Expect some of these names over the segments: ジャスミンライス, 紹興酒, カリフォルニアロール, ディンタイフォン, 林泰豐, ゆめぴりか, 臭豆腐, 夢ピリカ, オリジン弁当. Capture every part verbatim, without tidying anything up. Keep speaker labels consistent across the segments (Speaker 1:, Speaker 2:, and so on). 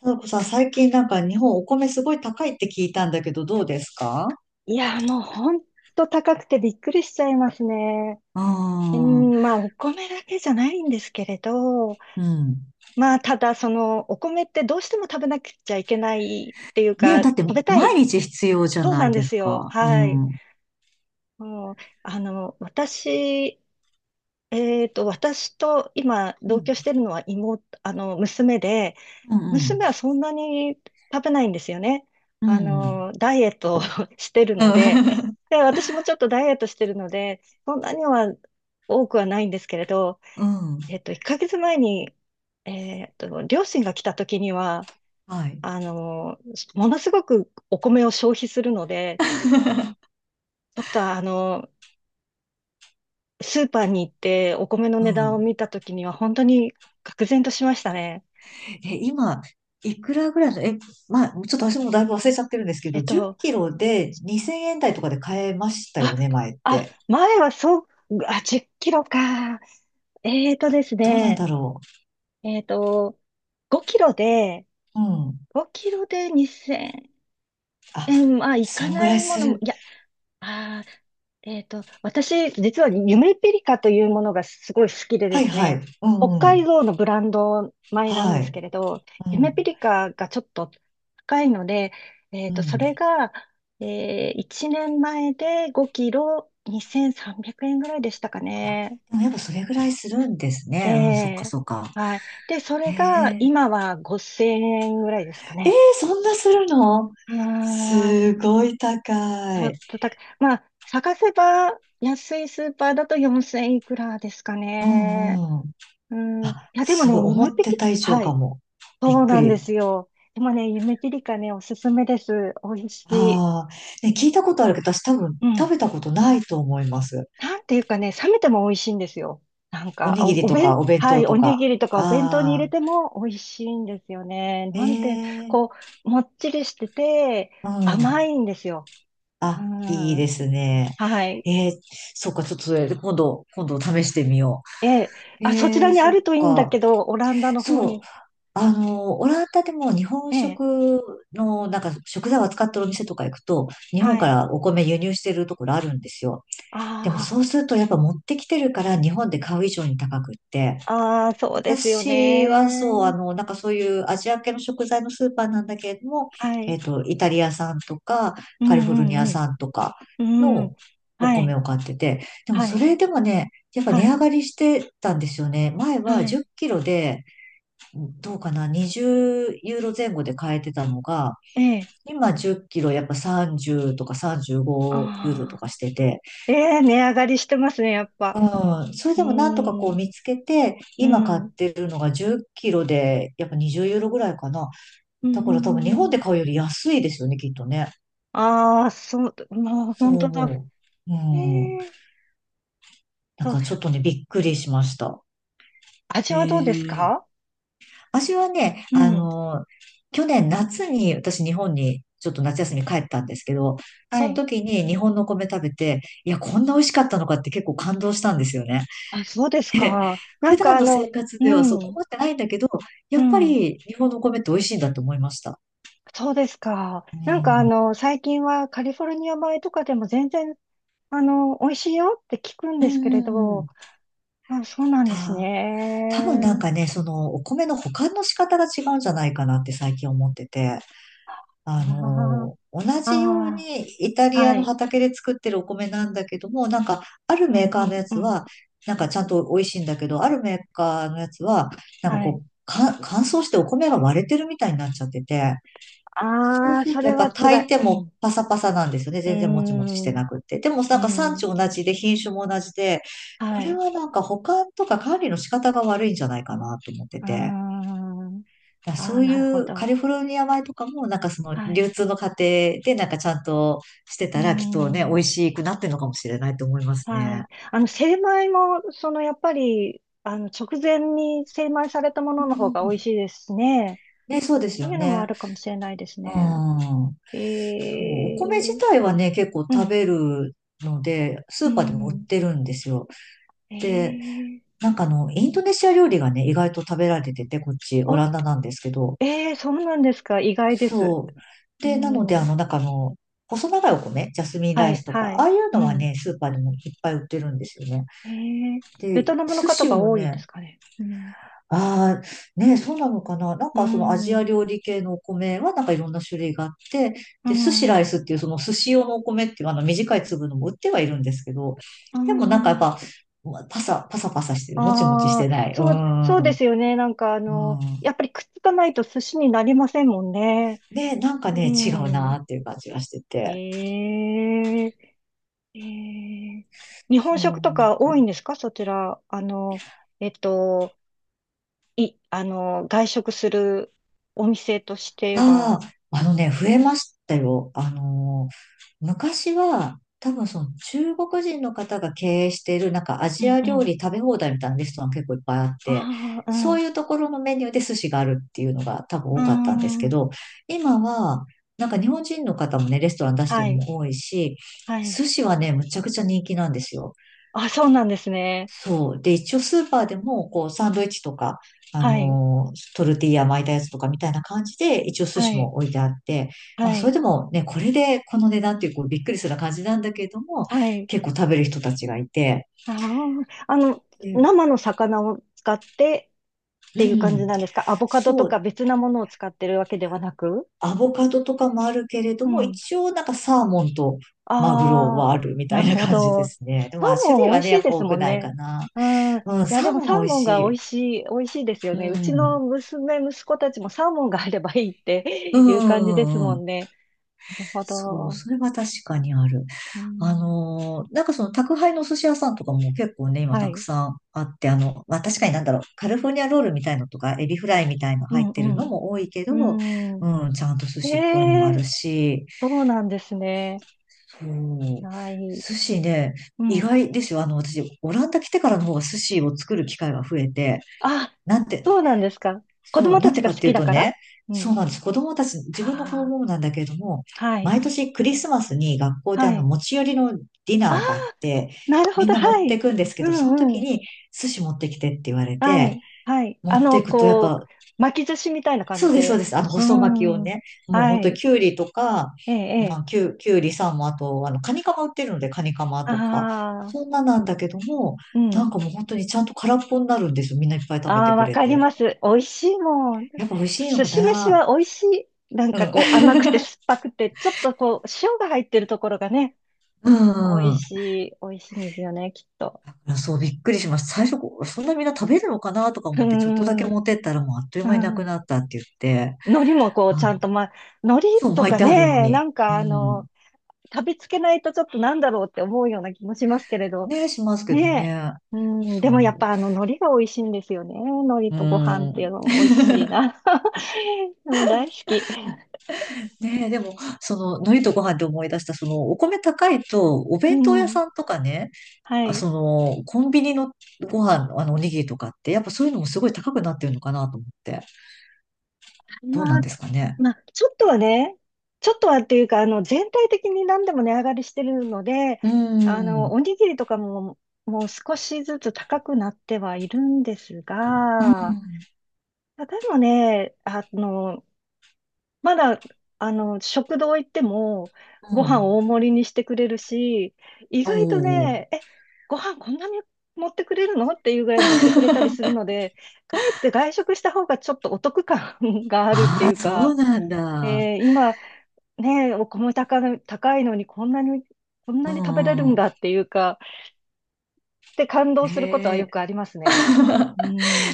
Speaker 1: ただこさん、最近なんか日本お米すごい高いって聞いたんだけど、どうですか？
Speaker 2: いや、もうほんと高くてびっくりしちゃいますね。
Speaker 1: あ
Speaker 2: う
Speaker 1: あ、
Speaker 2: ん、まあ、お米だけじゃないんですけれど、
Speaker 1: うん。
Speaker 2: まあ、ただ、その、お米ってどうしても食べなくちゃいけないっていう
Speaker 1: ねえ、
Speaker 2: か、
Speaker 1: だって
Speaker 2: 食べたい。
Speaker 1: 毎日必要じゃ
Speaker 2: そう
Speaker 1: な
Speaker 2: な
Speaker 1: い
Speaker 2: んで
Speaker 1: です
Speaker 2: すよ。
Speaker 1: か。う
Speaker 2: はい。
Speaker 1: ん。うん。
Speaker 2: もう、あの、私、えっと、私と今、同居してるのは妹、あの、娘で、
Speaker 1: うん。
Speaker 2: 娘はそんなに食べないんですよね。
Speaker 1: うん。う
Speaker 2: あ
Speaker 1: ん。
Speaker 2: の、ダイエットを してる
Speaker 1: うん。
Speaker 2: の
Speaker 1: う
Speaker 2: で、
Speaker 1: ん。
Speaker 2: で、私もちょっとダイエットしてるので、そんなには多くはないんですけれど、
Speaker 1: うん。
Speaker 2: えっと、いっかげつまえに、えっと、両親が来た時には、
Speaker 1: はい。
Speaker 2: あの、ものすごくお米を消費するので、ちょっとあの、スーパーに行ってお米の
Speaker 1: う
Speaker 2: 値段を
Speaker 1: ん。
Speaker 2: 見た時には本当に愕然としましたね。
Speaker 1: え、今、いくらぐらいの、え、まあ、ちょっと私もだいぶ忘れちゃってるんですけ
Speaker 2: え
Speaker 1: ど、
Speaker 2: っ
Speaker 1: 10
Speaker 2: と、
Speaker 1: キロでにせんえん台とかで買えました
Speaker 2: あ、
Speaker 1: よね、前っ
Speaker 2: あ、
Speaker 1: て。
Speaker 2: 前はそう、あ、じゅっキロか。えーとです
Speaker 1: どうなん
Speaker 2: ね、
Speaker 1: だろ
Speaker 2: えーと、5キロで、
Speaker 1: う。うん。
Speaker 2: 5キロで2000
Speaker 1: あ、
Speaker 2: 円、まあ、い
Speaker 1: そ
Speaker 2: か
Speaker 1: んぐ
Speaker 2: な
Speaker 1: らい
Speaker 2: いも
Speaker 1: す
Speaker 2: のも、
Speaker 1: る。
Speaker 2: いや、あー、えーと、私、実は夢ピリカというものがすごい好きで
Speaker 1: は
Speaker 2: で
Speaker 1: い
Speaker 2: す
Speaker 1: はい。
Speaker 2: ね、
Speaker 1: う
Speaker 2: 北海
Speaker 1: ん。
Speaker 2: 道のブランド米なん
Speaker 1: は
Speaker 2: です
Speaker 1: い。
Speaker 2: けれど、
Speaker 1: う
Speaker 2: 夢ピ
Speaker 1: ん。
Speaker 2: リカがちょっと高いので、え
Speaker 1: う
Speaker 2: ーと、そ
Speaker 1: ん。
Speaker 2: れが、えーいちねんまえでごキロにせんさんびゃくえんぐらいでしたか
Speaker 1: あ、
Speaker 2: ね。
Speaker 1: でもやっぱそれぐらいするんです
Speaker 2: え
Speaker 1: ね。うん、そっか
Speaker 2: え、
Speaker 1: そっか。
Speaker 2: はい。で、そ
Speaker 1: え
Speaker 2: れが
Speaker 1: ー、
Speaker 2: 今はごせんえんぐらいですか
Speaker 1: えー、
Speaker 2: ね。
Speaker 1: そんなするの？
Speaker 2: うー
Speaker 1: す
Speaker 2: ん、
Speaker 1: ごい高
Speaker 2: ちょ
Speaker 1: い。
Speaker 2: っと高い。まあ、探せば安いスーパーだとよんせんいくらですか
Speaker 1: う
Speaker 2: ね。
Speaker 1: んうん。
Speaker 2: うん。い
Speaker 1: あ、
Speaker 2: や、でも
Speaker 1: す
Speaker 2: ね、
Speaker 1: ごい。
Speaker 2: 夢
Speaker 1: 思っ
Speaker 2: ぴ
Speaker 1: て
Speaker 2: り、
Speaker 1: た以上
Speaker 2: は
Speaker 1: か
Speaker 2: い。
Speaker 1: も。び
Speaker 2: そ
Speaker 1: っ
Speaker 2: う
Speaker 1: く
Speaker 2: なんで
Speaker 1: り。
Speaker 2: すよ。でもね、夢ぴりかね、おすすめです。美味しい。
Speaker 1: ああ。ね、聞いたことあるけど、私多分
Speaker 2: う
Speaker 1: 食
Speaker 2: ん。
Speaker 1: べたことないと思います。
Speaker 2: なんていうかね、冷めても美味しいんですよ。なん
Speaker 1: お
Speaker 2: か、
Speaker 1: にぎ
Speaker 2: お、
Speaker 1: り
Speaker 2: お
Speaker 1: と
Speaker 2: 弁、
Speaker 1: かお弁
Speaker 2: は
Speaker 1: 当
Speaker 2: い、お
Speaker 1: と
Speaker 2: に
Speaker 1: か。
Speaker 2: ぎりとかお弁当に入
Speaker 1: あ
Speaker 2: れて
Speaker 1: あ。
Speaker 2: も美味しいんですよね。
Speaker 1: え
Speaker 2: なんて、
Speaker 1: えー。
Speaker 2: こう、もっちりしてて、
Speaker 1: う
Speaker 2: 甘
Speaker 1: ん。
Speaker 2: いんですよ。う
Speaker 1: あ、いいで
Speaker 2: ん。
Speaker 1: すね。
Speaker 2: はい。
Speaker 1: えー、そっか、ちょっとそれ、今度、今度試してみよ
Speaker 2: ええ。
Speaker 1: う。
Speaker 2: あ、そち
Speaker 1: え
Speaker 2: ら
Speaker 1: ー、
Speaker 2: にあ
Speaker 1: そっ
Speaker 2: るといいんだ
Speaker 1: か。
Speaker 2: けど、オランダの方
Speaker 1: そう、
Speaker 2: に。
Speaker 1: あの、オランダでも日本
Speaker 2: ええ。
Speaker 1: 食の、なんか食材を扱ってるお店とか行くと、日本
Speaker 2: は
Speaker 1: か
Speaker 2: い。
Speaker 1: らお米輸入してるところあるんですよ。でもそ
Speaker 2: あ
Speaker 1: うすると、やっぱ持ってきてるから日本で買う以上に高くって、
Speaker 2: あ、ああ、そうですよ
Speaker 1: 私はそう、あ
Speaker 2: ね。
Speaker 1: の、なんかそういうアジア系の食材のスーパーなんだけれども、
Speaker 2: は
Speaker 1: え
Speaker 2: い。
Speaker 1: っと、イタリア産とか、
Speaker 2: う
Speaker 1: カリフォルニア
Speaker 2: んうん
Speaker 1: 産とか
Speaker 2: うん。うん。
Speaker 1: のお
Speaker 2: は
Speaker 1: 米
Speaker 2: い。
Speaker 1: を買ってて、でも
Speaker 2: は
Speaker 1: そ
Speaker 2: い。
Speaker 1: れでもね、やっぱ
Speaker 2: は
Speaker 1: 値
Speaker 2: い。
Speaker 1: 上がりしてたんですよね。前は
Speaker 2: は
Speaker 1: 10
Speaker 2: い。
Speaker 1: キロで、どうかな、にじゅうユーロ前後で買えてたのが、
Speaker 2: ええ。
Speaker 1: 今じゅっキロやっぱさんじゅうとかさんじゅうごユーロと
Speaker 2: あ
Speaker 1: か
Speaker 2: あ。
Speaker 1: してて、
Speaker 2: ええ、値上がりしてますね、やっぱ。
Speaker 1: うん。それ
Speaker 2: うー
Speaker 1: でもなんとかこう
Speaker 2: ん。
Speaker 1: 見つけて、
Speaker 2: う
Speaker 1: 今買
Speaker 2: ん。
Speaker 1: ってるのがじゅっキロで、やっぱにじゅうユーロぐらいかな。
Speaker 2: う
Speaker 1: だ
Speaker 2: ん。
Speaker 1: から多分日
Speaker 2: う
Speaker 1: 本で
Speaker 2: ん。
Speaker 1: 買うより安いですよね、きっとね。
Speaker 2: ああー、そう、もう
Speaker 1: そ
Speaker 2: 本
Speaker 1: う
Speaker 2: 当だ。
Speaker 1: 思う。う
Speaker 2: え
Speaker 1: ん。
Speaker 2: え、
Speaker 1: なん
Speaker 2: そう。
Speaker 1: かちょっとね、びっくりしました。
Speaker 2: 味
Speaker 1: へ
Speaker 2: はどうです
Speaker 1: え。
Speaker 2: か？
Speaker 1: 私はね、
Speaker 2: う
Speaker 1: あ
Speaker 2: ん。
Speaker 1: の、去年夏に私日本にちょっと夏休み帰ったんですけど、
Speaker 2: は
Speaker 1: その
Speaker 2: い。
Speaker 1: 時に日本のお米食べて、いや、こんな美味しかったのかって結構感動したんですよね。
Speaker 2: あ、そうです
Speaker 1: で
Speaker 2: か。な
Speaker 1: 普
Speaker 2: んか
Speaker 1: 段
Speaker 2: あ
Speaker 1: の生
Speaker 2: の、
Speaker 1: 活
Speaker 2: う
Speaker 1: ではそう
Speaker 2: ん。
Speaker 1: 困ってないんだけど、や
Speaker 2: う
Speaker 1: っぱ
Speaker 2: ん。
Speaker 1: り日本のお米って美味しいんだと思いました。
Speaker 2: そうですか。
Speaker 1: う
Speaker 2: なんかあ
Speaker 1: ん。
Speaker 2: の、最近はカリフォルニア米とかでも全然、あの、美味しいよって聞くん
Speaker 1: う
Speaker 2: ですけれど、
Speaker 1: ん。
Speaker 2: あ、そうなんです
Speaker 1: た、多分なん
Speaker 2: ね。
Speaker 1: かね、そのお米の保管の仕方が違うんじゃないかなって最近思ってて、あ
Speaker 2: あ
Speaker 1: の、同
Speaker 2: あ、
Speaker 1: じよう
Speaker 2: あ
Speaker 1: にイタ
Speaker 2: あ、
Speaker 1: リア
Speaker 2: は
Speaker 1: の
Speaker 2: い。
Speaker 1: 畑で作ってるお米なんだけども、なんかある
Speaker 2: う
Speaker 1: メー
Speaker 2: ん、
Speaker 1: カ
Speaker 2: う
Speaker 1: ーのや
Speaker 2: ん、う
Speaker 1: つ
Speaker 2: ん。
Speaker 1: は、なんかちゃんと美味しいんだけど、あるメーカーのやつは、なんか
Speaker 2: はい。
Speaker 1: こう、か乾燥してお米が割れてるみたいになっちゃってて、そう
Speaker 2: ああ、
Speaker 1: する
Speaker 2: そ
Speaker 1: とや
Speaker 2: れ
Speaker 1: っぱ
Speaker 2: は辛
Speaker 1: 炊い
Speaker 2: い。
Speaker 1: て
Speaker 2: うん。
Speaker 1: も
Speaker 2: う
Speaker 1: パサパサなんですよね。
Speaker 2: ー
Speaker 1: 全然もちもちして
Speaker 2: ん。
Speaker 1: なくって。でも
Speaker 2: う
Speaker 1: なんか産
Speaker 2: ん。
Speaker 1: 地同じで品種も同じで、こ
Speaker 2: は
Speaker 1: れ
Speaker 2: い。
Speaker 1: はなんか保管とか管理の仕方が悪いんじゃないかなと思って
Speaker 2: うー
Speaker 1: て。
Speaker 2: ん。
Speaker 1: だから
Speaker 2: あ
Speaker 1: そ
Speaker 2: あ、
Speaker 1: うい
Speaker 2: なるほ
Speaker 1: うカ
Speaker 2: ど。
Speaker 1: リフォルニア米とかもなんかその
Speaker 2: は
Speaker 1: 流
Speaker 2: い。
Speaker 1: 通の過程でなんかちゃんとして
Speaker 2: うー
Speaker 1: たらきっとね、美
Speaker 2: ん。
Speaker 1: 味しくなってるのかもしれないと思います
Speaker 2: はい。
Speaker 1: ね。
Speaker 2: あの、精米も、その、やっぱり、あの、直前に精米されたも
Speaker 1: う
Speaker 2: のの方
Speaker 1: ん
Speaker 2: が
Speaker 1: う
Speaker 2: 美味
Speaker 1: ん。
Speaker 2: しいですしね。
Speaker 1: ね、そうです
Speaker 2: そう
Speaker 1: よ
Speaker 2: いうのもあ
Speaker 1: ね。
Speaker 2: るかもしれないです
Speaker 1: うん。
Speaker 2: ね。え
Speaker 1: そうお
Speaker 2: え、
Speaker 1: 米自体はね、結構
Speaker 2: う
Speaker 1: 食
Speaker 2: ん。
Speaker 1: べるので、ス
Speaker 2: う
Speaker 1: ーパーでも売っ
Speaker 2: ん。
Speaker 1: てるんですよ。
Speaker 2: ええ、
Speaker 1: なんかあの、インドネシア料理がね、意外と食べられてて、こっち、オ
Speaker 2: あ、
Speaker 1: ランダなんですけど。
Speaker 2: ええ、そうなんですか。意外です。
Speaker 1: そう。
Speaker 2: う
Speaker 1: で、なので、あ
Speaker 2: ん。
Speaker 1: の、なんかあの、細長いお米、ジャスミン
Speaker 2: は
Speaker 1: ライ
Speaker 2: い、
Speaker 1: スとか、
Speaker 2: は
Speaker 1: あ
Speaker 2: い。
Speaker 1: あいう
Speaker 2: う
Speaker 1: のは
Speaker 2: ん。
Speaker 1: ね、スーパーでもいっぱい売ってるんですよね。
Speaker 2: ええ、ベ
Speaker 1: で、
Speaker 2: トナムの
Speaker 1: 寿
Speaker 2: 方
Speaker 1: 司
Speaker 2: が
Speaker 1: も
Speaker 2: 多いで
Speaker 1: ね、
Speaker 2: すかね。うん。
Speaker 1: ああ、ね、そうなのかな。なん
Speaker 2: う
Speaker 1: かそのアジ
Speaker 2: ん。
Speaker 1: ア
Speaker 2: う
Speaker 1: 料理系のお米はなんかいろんな種類があって、で、
Speaker 2: ん。
Speaker 1: 寿司ライスっていうその寿司用のお米っていうあの短い粒のも売ってはいるんですけど、
Speaker 2: う
Speaker 1: でもなんかやっ
Speaker 2: ん。
Speaker 1: ぱ、パサ、パサパサしてる。もちもちし
Speaker 2: ああ、
Speaker 1: てない。う
Speaker 2: そう、そう
Speaker 1: ん。
Speaker 2: で
Speaker 1: うん。
Speaker 2: すよね。なんかあの、やっぱりくっつかないと寿司になりませんもんね。
Speaker 1: ね、なんか
Speaker 2: う
Speaker 1: ね、違う
Speaker 2: ん。
Speaker 1: なっていう感じがしてて。
Speaker 2: ええ、ええ、日
Speaker 1: そ
Speaker 2: 本食と
Speaker 1: う。
Speaker 2: か多いんですかそちら。あの、えっと、い、あの、外食するお店として
Speaker 1: あ
Speaker 2: は。
Speaker 1: あ、あのね、増えましたよ。あのー昔は、多分その中国人の方が経営している、なんかア
Speaker 2: う
Speaker 1: ジ
Speaker 2: ん
Speaker 1: ア
Speaker 2: う
Speaker 1: 料
Speaker 2: ん。
Speaker 1: 理食べ放題みたいなレストラン結構いっぱいあって、
Speaker 2: ああ、
Speaker 1: そ
Speaker 2: う
Speaker 1: ういうところのメニューで寿司があるっていうのが多分多かったんです
Speaker 2: ん。う
Speaker 1: け
Speaker 2: ん。
Speaker 1: ど、今は、なんか日本人の方もね、レストラン出して
Speaker 2: は
Speaker 1: るの
Speaker 2: い。
Speaker 1: も多いし、
Speaker 2: はい。
Speaker 1: 寿司はね、むちゃくちゃ人気なんですよ。
Speaker 2: あ、そうなんですね。
Speaker 1: そう。で、一応スーパーでも、こう、サンドイッチとか、あ
Speaker 2: はい、
Speaker 1: のートルティーヤ巻いたやつとかみたいな感じで、一応寿
Speaker 2: は
Speaker 1: 司
Speaker 2: い、
Speaker 1: も置いてあって、
Speaker 2: は
Speaker 1: まあ、それ
Speaker 2: い、
Speaker 1: でもね、これでこの値段っていう、こう、びっくりする感じなんだけれども、
Speaker 2: はい。
Speaker 1: 結構食べる人たちがいて、
Speaker 2: ああ、あの、
Speaker 1: で、
Speaker 2: 生の魚を使ってっ
Speaker 1: う
Speaker 2: ていう感じ
Speaker 1: ん、
Speaker 2: なんですか？アボカドと
Speaker 1: そ
Speaker 2: か
Speaker 1: う、
Speaker 2: 別なものを使ってるわけではなく。
Speaker 1: アボカドとかもあるけれど
Speaker 2: う
Speaker 1: も、
Speaker 2: ん。
Speaker 1: 一応なんかサーモンとマグロ
Speaker 2: あ
Speaker 1: は
Speaker 2: あ、
Speaker 1: あるみた
Speaker 2: なる
Speaker 1: いな
Speaker 2: ほ
Speaker 1: 感じで
Speaker 2: ど。
Speaker 1: すね。で
Speaker 2: サー
Speaker 1: まあ、種
Speaker 2: モ
Speaker 1: 類
Speaker 2: ン美
Speaker 1: は
Speaker 2: 味
Speaker 1: ね、
Speaker 2: し
Speaker 1: や
Speaker 2: い
Speaker 1: っ
Speaker 2: で
Speaker 1: ぱ
Speaker 2: す
Speaker 1: 多
Speaker 2: も
Speaker 1: く
Speaker 2: ん
Speaker 1: ない
Speaker 2: ね。
Speaker 1: かな。
Speaker 2: うん。い
Speaker 1: うん、
Speaker 2: や、で
Speaker 1: サー
Speaker 2: も
Speaker 1: モン
Speaker 2: サ
Speaker 1: は
Speaker 2: ー
Speaker 1: 美味
Speaker 2: モン
Speaker 1: し
Speaker 2: が美
Speaker 1: い。
Speaker 2: 味しい、美味しいですよ
Speaker 1: う
Speaker 2: ね。うちの
Speaker 1: ん。
Speaker 2: 娘、息子たちもサーモンがあればいいっ
Speaker 1: う
Speaker 2: ていう感じです
Speaker 1: ん、うん、
Speaker 2: も
Speaker 1: うん
Speaker 2: んね。なるほ
Speaker 1: そう、
Speaker 2: ど。
Speaker 1: それは確かにある。
Speaker 2: う
Speaker 1: あ
Speaker 2: ん。
Speaker 1: のーなんかその宅配のお寿司屋さんとかも結構ね、今
Speaker 2: は
Speaker 1: たく
Speaker 2: い。
Speaker 1: さんあって、あの、まあ確かになんだろう、カルフォルニアロールみたいのとか、エビフライみたいの
Speaker 2: う
Speaker 1: 入っ
Speaker 2: ん、
Speaker 1: てる
Speaker 2: う
Speaker 1: のも多いけど、
Speaker 2: ん。うん、
Speaker 1: うん、ちゃんと寿
Speaker 2: え
Speaker 1: 司っぽいのもある
Speaker 2: え、
Speaker 1: し、
Speaker 2: そうなんですね。
Speaker 1: そう、
Speaker 2: はい。
Speaker 1: 寿司ね、
Speaker 2: う
Speaker 1: 意
Speaker 2: ん。
Speaker 1: 外ですよ。あの、私、オランダ来てからの方が寿司を作る機会が増えて、
Speaker 2: あ、
Speaker 1: なんて、
Speaker 2: そうなんですか。子
Speaker 1: そう、
Speaker 2: 供
Speaker 1: な
Speaker 2: た
Speaker 1: ん
Speaker 2: ち
Speaker 1: で
Speaker 2: が
Speaker 1: か
Speaker 2: 好
Speaker 1: ってい
Speaker 2: き
Speaker 1: う
Speaker 2: だ
Speaker 1: と
Speaker 2: から。
Speaker 1: ね、
Speaker 2: う
Speaker 1: そ
Speaker 2: ん。
Speaker 1: うなんです。子供たち、自分の子
Speaker 2: あ
Speaker 1: 供もなんだけれども、
Speaker 2: あ、はい。
Speaker 1: 毎年クリスマスに学校で
Speaker 2: は
Speaker 1: あの
Speaker 2: い。
Speaker 1: 持ち寄りのディ
Speaker 2: ああ、
Speaker 1: ナーがあって、
Speaker 2: なるほ
Speaker 1: みん
Speaker 2: ど。
Speaker 1: な持
Speaker 2: は
Speaker 1: って
Speaker 2: い。
Speaker 1: くんですけ
Speaker 2: う
Speaker 1: ど、その
Speaker 2: ん
Speaker 1: 時
Speaker 2: うん。
Speaker 1: に寿司持ってきてって言われ
Speaker 2: は
Speaker 1: て、
Speaker 2: い。はい。
Speaker 1: 持
Speaker 2: あ
Speaker 1: って
Speaker 2: の、
Speaker 1: くとやっ
Speaker 2: こう、
Speaker 1: ぱ、
Speaker 2: 巻き寿司みたいな感
Speaker 1: そ
Speaker 2: じ
Speaker 1: うです、そう
Speaker 2: で。
Speaker 1: です。あの、
Speaker 2: う
Speaker 1: 細巻きを
Speaker 2: ん。
Speaker 1: ね、もう本
Speaker 2: は
Speaker 1: 当に
Speaker 2: い。
Speaker 1: きゅうりとか、
Speaker 2: ええ、え
Speaker 1: まあ、
Speaker 2: え。
Speaker 1: きゅう、きゅうりさんも、あと、あの、カニカマ売ってるので、カニカマ
Speaker 2: あ
Speaker 1: とか、
Speaker 2: あ、
Speaker 1: そんななんだけども、
Speaker 2: う
Speaker 1: な
Speaker 2: ん。
Speaker 1: んかもう本当にちゃんと空っぽになるんですよ。みんないっぱい食べ
Speaker 2: あ
Speaker 1: て
Speaker 2: あ、
Speaker 1: く
Speaker 2: わ
Speaker 1: れ
Speaker 2: かり
Speaker 1: て。
Speaker 2: ます。美味しいもん。
Speaker 1: やっぱ美味しいの
Speaker 2: 寿
Speaker 1: か
Speaker 2: 司飯
Speaker 1: な。
Speaker 2: は美味しい。なん
Speaker 1: う
Speaker 2: かこう甘くて
Speaker 1: ん。
Speaker 2: 酸っ ぱくて、ちょっとこう塩が入ってるところがね、
Speaker 1: う
Speaker 2: 美味
Speaker 1: ん。
Speaker 2: しい、美味しいんですよね、きっと。
Speaker 1: そう、びっくりしました。最初、こうそんなみんな食べるのかなとか
Speaker 2: うー
Speaker 1: 思って、ちょっとだけ
Speaker 2: ん、
Speaker 1: 持ってったらもうあっという
Speaker 2: う
Speaker 1: 間になく
Speaker 2: ん。
Speaker 1: なったって言って、
Speaker 2: 海苔もこうちゃ
Speaker 1: あ、
Speaker 2: んと、まあ、海苔
Speaker 1: そう、
Speaker 2: と
Speaker 1: 巻い
Speaker 2: か
Speaker 1: てあるの
Speaker 2: ね、な
Speaker 1: に。
Speaker 2: ん
Speaker 1: う
Speaker 2: かあ
Speaker 1: ん。
Speaker 2: の、食べつけないとちょっとなんだろうって思うような気もしますけれど、
Speaker 1: ね、しますけど
Speaker 2: ねえ。
Speaker 1: ね。
Speaker 2: うん、
Speaker 1: そ
Speaker 2: でもやっ
Speaker 1: う。
Speaker 2: ぱあの海苔が美味しいんですよね。海苔
Speaker 1: う
Speaker 2: とご飯っ
Speaker 1: ん。
Speaker 2: ていうのも美味しいな。でも大好き。
Speaker 1: ねえ、でも、その、海苔とご飯で思い出した、その、お米高いと、お
Speaker 2: う
Speaker 1: 弁当屋
Speaker 2: ん。
Speaker 1: さんとかね、
Speaker 2: は
Speaker 1: あ、
Speaker 2: い。
Speaker 1: その、コンビニのご飯、あの、おにぎりとかって、やっぱそういうのもすごい高くなってるのかなと思って。どう
Speaker 2: ま
Speaker 1: なん
Speaker 2: あ、
Speaker 1: ですかね。
Speaker 2: まあ、ちょっとはね、ちょっとはっていうか、あの、全体的に何でも値上がりしてるので、
Speaker 1: う
Speaker 2: あの、
Speaker 1: ん。
Speaker 2: おにぎりとかも、もう少しずつ高くなってはいるんです
Speaker 1: うん。
Speaker 2: が、でもね、あの、まだ、あの、食堂行っても、
Speaker 1: う
Speaker 2: ご飯
Speaker 1: ん。
Speaker 2: 大盛りにしてくれるし、意
Speaker 1: お
Speaker 2: 外と
Speaker 1: お。
Speaker 2: ね、え、ご飯こんなに持ってくれるのっていうぐらい持ってくれたりするので、かえって外食した方がちょっとお得感 があるって
Speaker 1: あ
Speaker 2: いう
Speaker 1: あ、そう
Speaker 2: か、
Speaker 1: なんだ。
Speaker 2: えー今、ね、お米高い、高いのにこんなに、こん
Speaker 1: う
Speaker 2: なに食べれる
Speaker 1: ん
Speaker 2: ん
Speaker 1: う
Speaker 2: だっていうか、で感
Speaker 1: ん。
Speaker 2: 動することは
Speaker 1: へ
Speaker 2: よ
Speaker 1: え。
Speaker 2: くありますね。う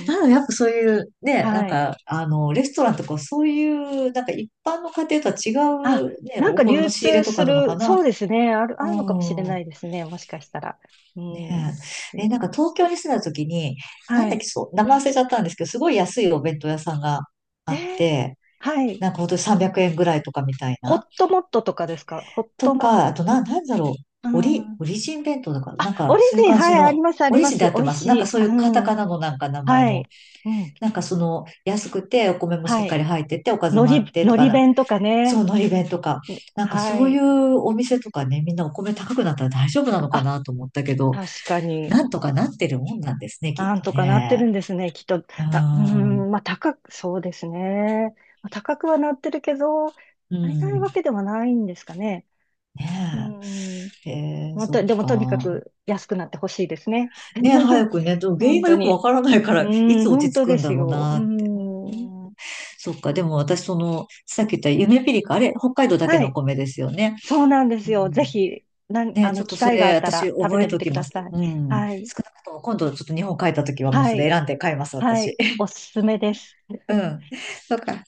Speaker 2: ん。
Speaker 1: なので、やっぱそういう、ね、な
Speaker 2: は
Speaker 1: ん
Speaker 2: い。
Speaker 1: か、あの、レストランとか、そういう、なんか一般の家庭とは違
Speaker 2: あ、
Speaker 1: う、ね、
Speaker 2: なん
Speaker 1: お
Speaker 2: か
Speaker 1: 米の
Speaker 2: 流
Speaker 1: 仕入れ
Speaker 2: 通
Speaker 1: と
Speaker 2: す
Speaker 1: かなのか
Speaker 2: る、
Speaker 1: な。
Speaker 2: そうですね。ある、あ
Speaker 1: う
Speaker 2: るのかもしれな
Speaker 1: ん。
Speaker 2: いですね。もしかしたら。う
Speaker 1: ね
Speaker 2: ん。い
Speaker 1: え。
Speaker 2: い
Speaker 1: え、な
Speaker 2: で
Speaker 1: んか
Speaker 2: す。
Speaker 1: 東京に住んだ時に、な
Speaker 2: は
Speaker 1: んだっ
Speaker 2: い。
Speaker 1: け、そう、名前忘れちゃったんですけど、すごい安いお弁当屋さんがあ
Speaker 2: え
Speaker 1: っ
Speaker 2: ー
Speaker 1: て、
Speaker 2: はい。
Speaker 1: なんか本当にさんびゃくえんぐらいとかみたい
Speaker 2: ホ
Speaker 1: な。
Speaker 2: ットモットとかですか？ホッ
Speaker 1: と
Speaker 2: トモッ
Speaker 1: か、あと
Speaker 2: ト
Speaker 1: な、
Speaker 2: とか？
Speaker 1: なんだろう。
Speaker 2: う
Speaker 1: オリ、
Speaker 2: ん。
Speaker 1: オリジン弁当だから、
Speaker 2: あ、
Speaker 1: なん
Speaker 2: オ
Speaker 1: か
Speaker 2: リ
Speaker 1: そういう
Speaker 2: ジン、
Speaker 1: 感
Speaker 2: は
Speaker 1: じ
Speaker 2: い、あり
Speaker 1: の、
Speaker 2: ます、あ
Speaker 1: オ
Speaker 2: り
Speaker 1: リ
Speaker 2: ま
Speaker 1: ジンで
Speaker 2: す。
Speaker 1: やっ
Speaker 2: 美
Speaker 1: て
Speaker 2: 味
Speaker 1: ます。
Speaker 2: し
Speaker 1: なんか
Speaker 2: い。
Speaker 1: そう
Speaker 2: う
Speaker 1: いうカタカ
Speaker 2: ん。
Speaker 1: ナのなんか名前
Speaker 2: は
Speaker 1: の、
Speaker 2: い。うん。
Speaker 1: なんかその安くてお米もしっ
Speaker 2: は
Speaker 1: か
Speaker 2: い。
Speaker 1: り入ってて、おかず
Speaker 2: 海
Speaker 1: もあっ
Speaker 2: 苔、
Speaker 1: て
Speaker 2: 海
Speaker 1: とか
Speaker 2: 苔
Speaker 1: な、
Speaker 2: 弁とか
Speaker 1: そ
Speaker 2: ね。
Speaker 1: う、のり弁とか、
Speaker 2: うん。
Speaker 1: なんか
Speaker 2: は
Speaker 1: そうい
Speaker 2: い。
Speaker 1: うお店とかね、みんなお米高くなったら大丈夫なのか
Speaker 2: あ、
Speaker 1: なと思ったけど、
Speaker 2: 確かに。
Speaker 1: なんとかなってるもんなんですね、きっ
Speaker 2: なん
Speaker 1: と
Speaker 2: とかなって
Speaker 1: ね。
Speaker 2: るんですね、きっと。
Speaker 1: う
Speaker 2: あ、うー
Speaker 1: ん、
Speaker 2: ん、まあ高く、そうですね。まあ、高くはなってるけど、
Speaker 1: う
Speaker 2: 足りない
Speaker 1: ん、
Speaker 2: わけではないんですかね。うー
Speaker 1: ね
Speaker 2: ん。
Speaker 1: え。えー、
Speaker 2: ま
Speaker 1: そ
Speaker 2: た、
Speaker 1: っ
Speaker 2: でもとにか
Speaker 1: か。
Speaker 2: く安くなってほしいですね。
Speaker 1: ね、早 くね、でも原因
Speaker 2: 本
Speaker 1: が
Speaker 2: 当
Speaker 1: よくわ
Speaker 2: に。
Speaker 1: からないか
Speaker 2: う
Speaker 1: ら、い
Speaker 2: ーん、
Speaker 1: つ落
Speaker 2: 本
Speaker 1: ち着
Speaker 2: 当
Speaker 1: く
Speaker 2: で
Speaker 1: ん
Speaker 2: す
Speaker 1: だろう
Speaker 2: よ。う
Speaker 1: なって。う
Speaker 2: ーん。
Speaker 1: ーん。そっか、でも私、その、さっき言ったゆめぴりか、あれ、北海道だけ
Speaker 2: は
Speaker 1: のお
Speaker 2: い。
Speaker 1: 米ですよね。
Speaker 2: そうなんで
Speaker 1: う
Speaker 2: す
Speaker 1: ん。
Speaker 2: よ。ぜひ、なん、
Speaker 1: ね、
Speaker 2: あ
Speaker 1: ち
Speaker 2: の、
Speaker 1: ょっと
Speaker 2: 機
Speaker 1: そ
Speaker 2: 会があ
Speaker 1: れ、
Speaker 2: った
Speaker 1: 私、
Speaker 2: ら食べ
Speaker 1: 覚
Speaker 2: て
Speaker 1: え
Speaker 2: み
Speaker 1: と
Speaker 2: て
Speaker 1: き
Speaker 2: く
Speaker 1: ま
Speaker 2: だ
Speaker 1: す。
Speaker 2: さい。
Speaker 1: うん。
Speaker 2: はい。
Speaker 1: 少なくとも、今度、ちょっと日本帰った時は、もう
Speaker 2: は
Speaker 1: それ
Speaker 2: い。
Speaker 1: 選んで買います、
Speaker 2: は
Speaker 1: 私。
Speaker 2: い。お すすめです。
Speaker 1: うん。そっか。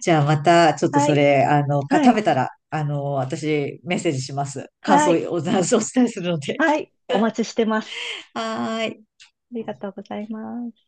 Speaker 1: じゃあ、また、ちょっと
Speaker 2: は
Speaker 1: そ
Speaker 2: い。
Speaker 1: れ、あの、か
Speaker 2: は
Speaker 1: 食
Speaker 2: い。
Speaker 1: べたら、あの、私、メッセージします。感
Speaker 2: は
Speaker 1: 想
Speaker 2: い。
Speaker 1: を、おお伝えするので。
Speaker 2: はい。お待ちしてます。
Speaker 1: はーい。
Speaker 2: りがとうございます。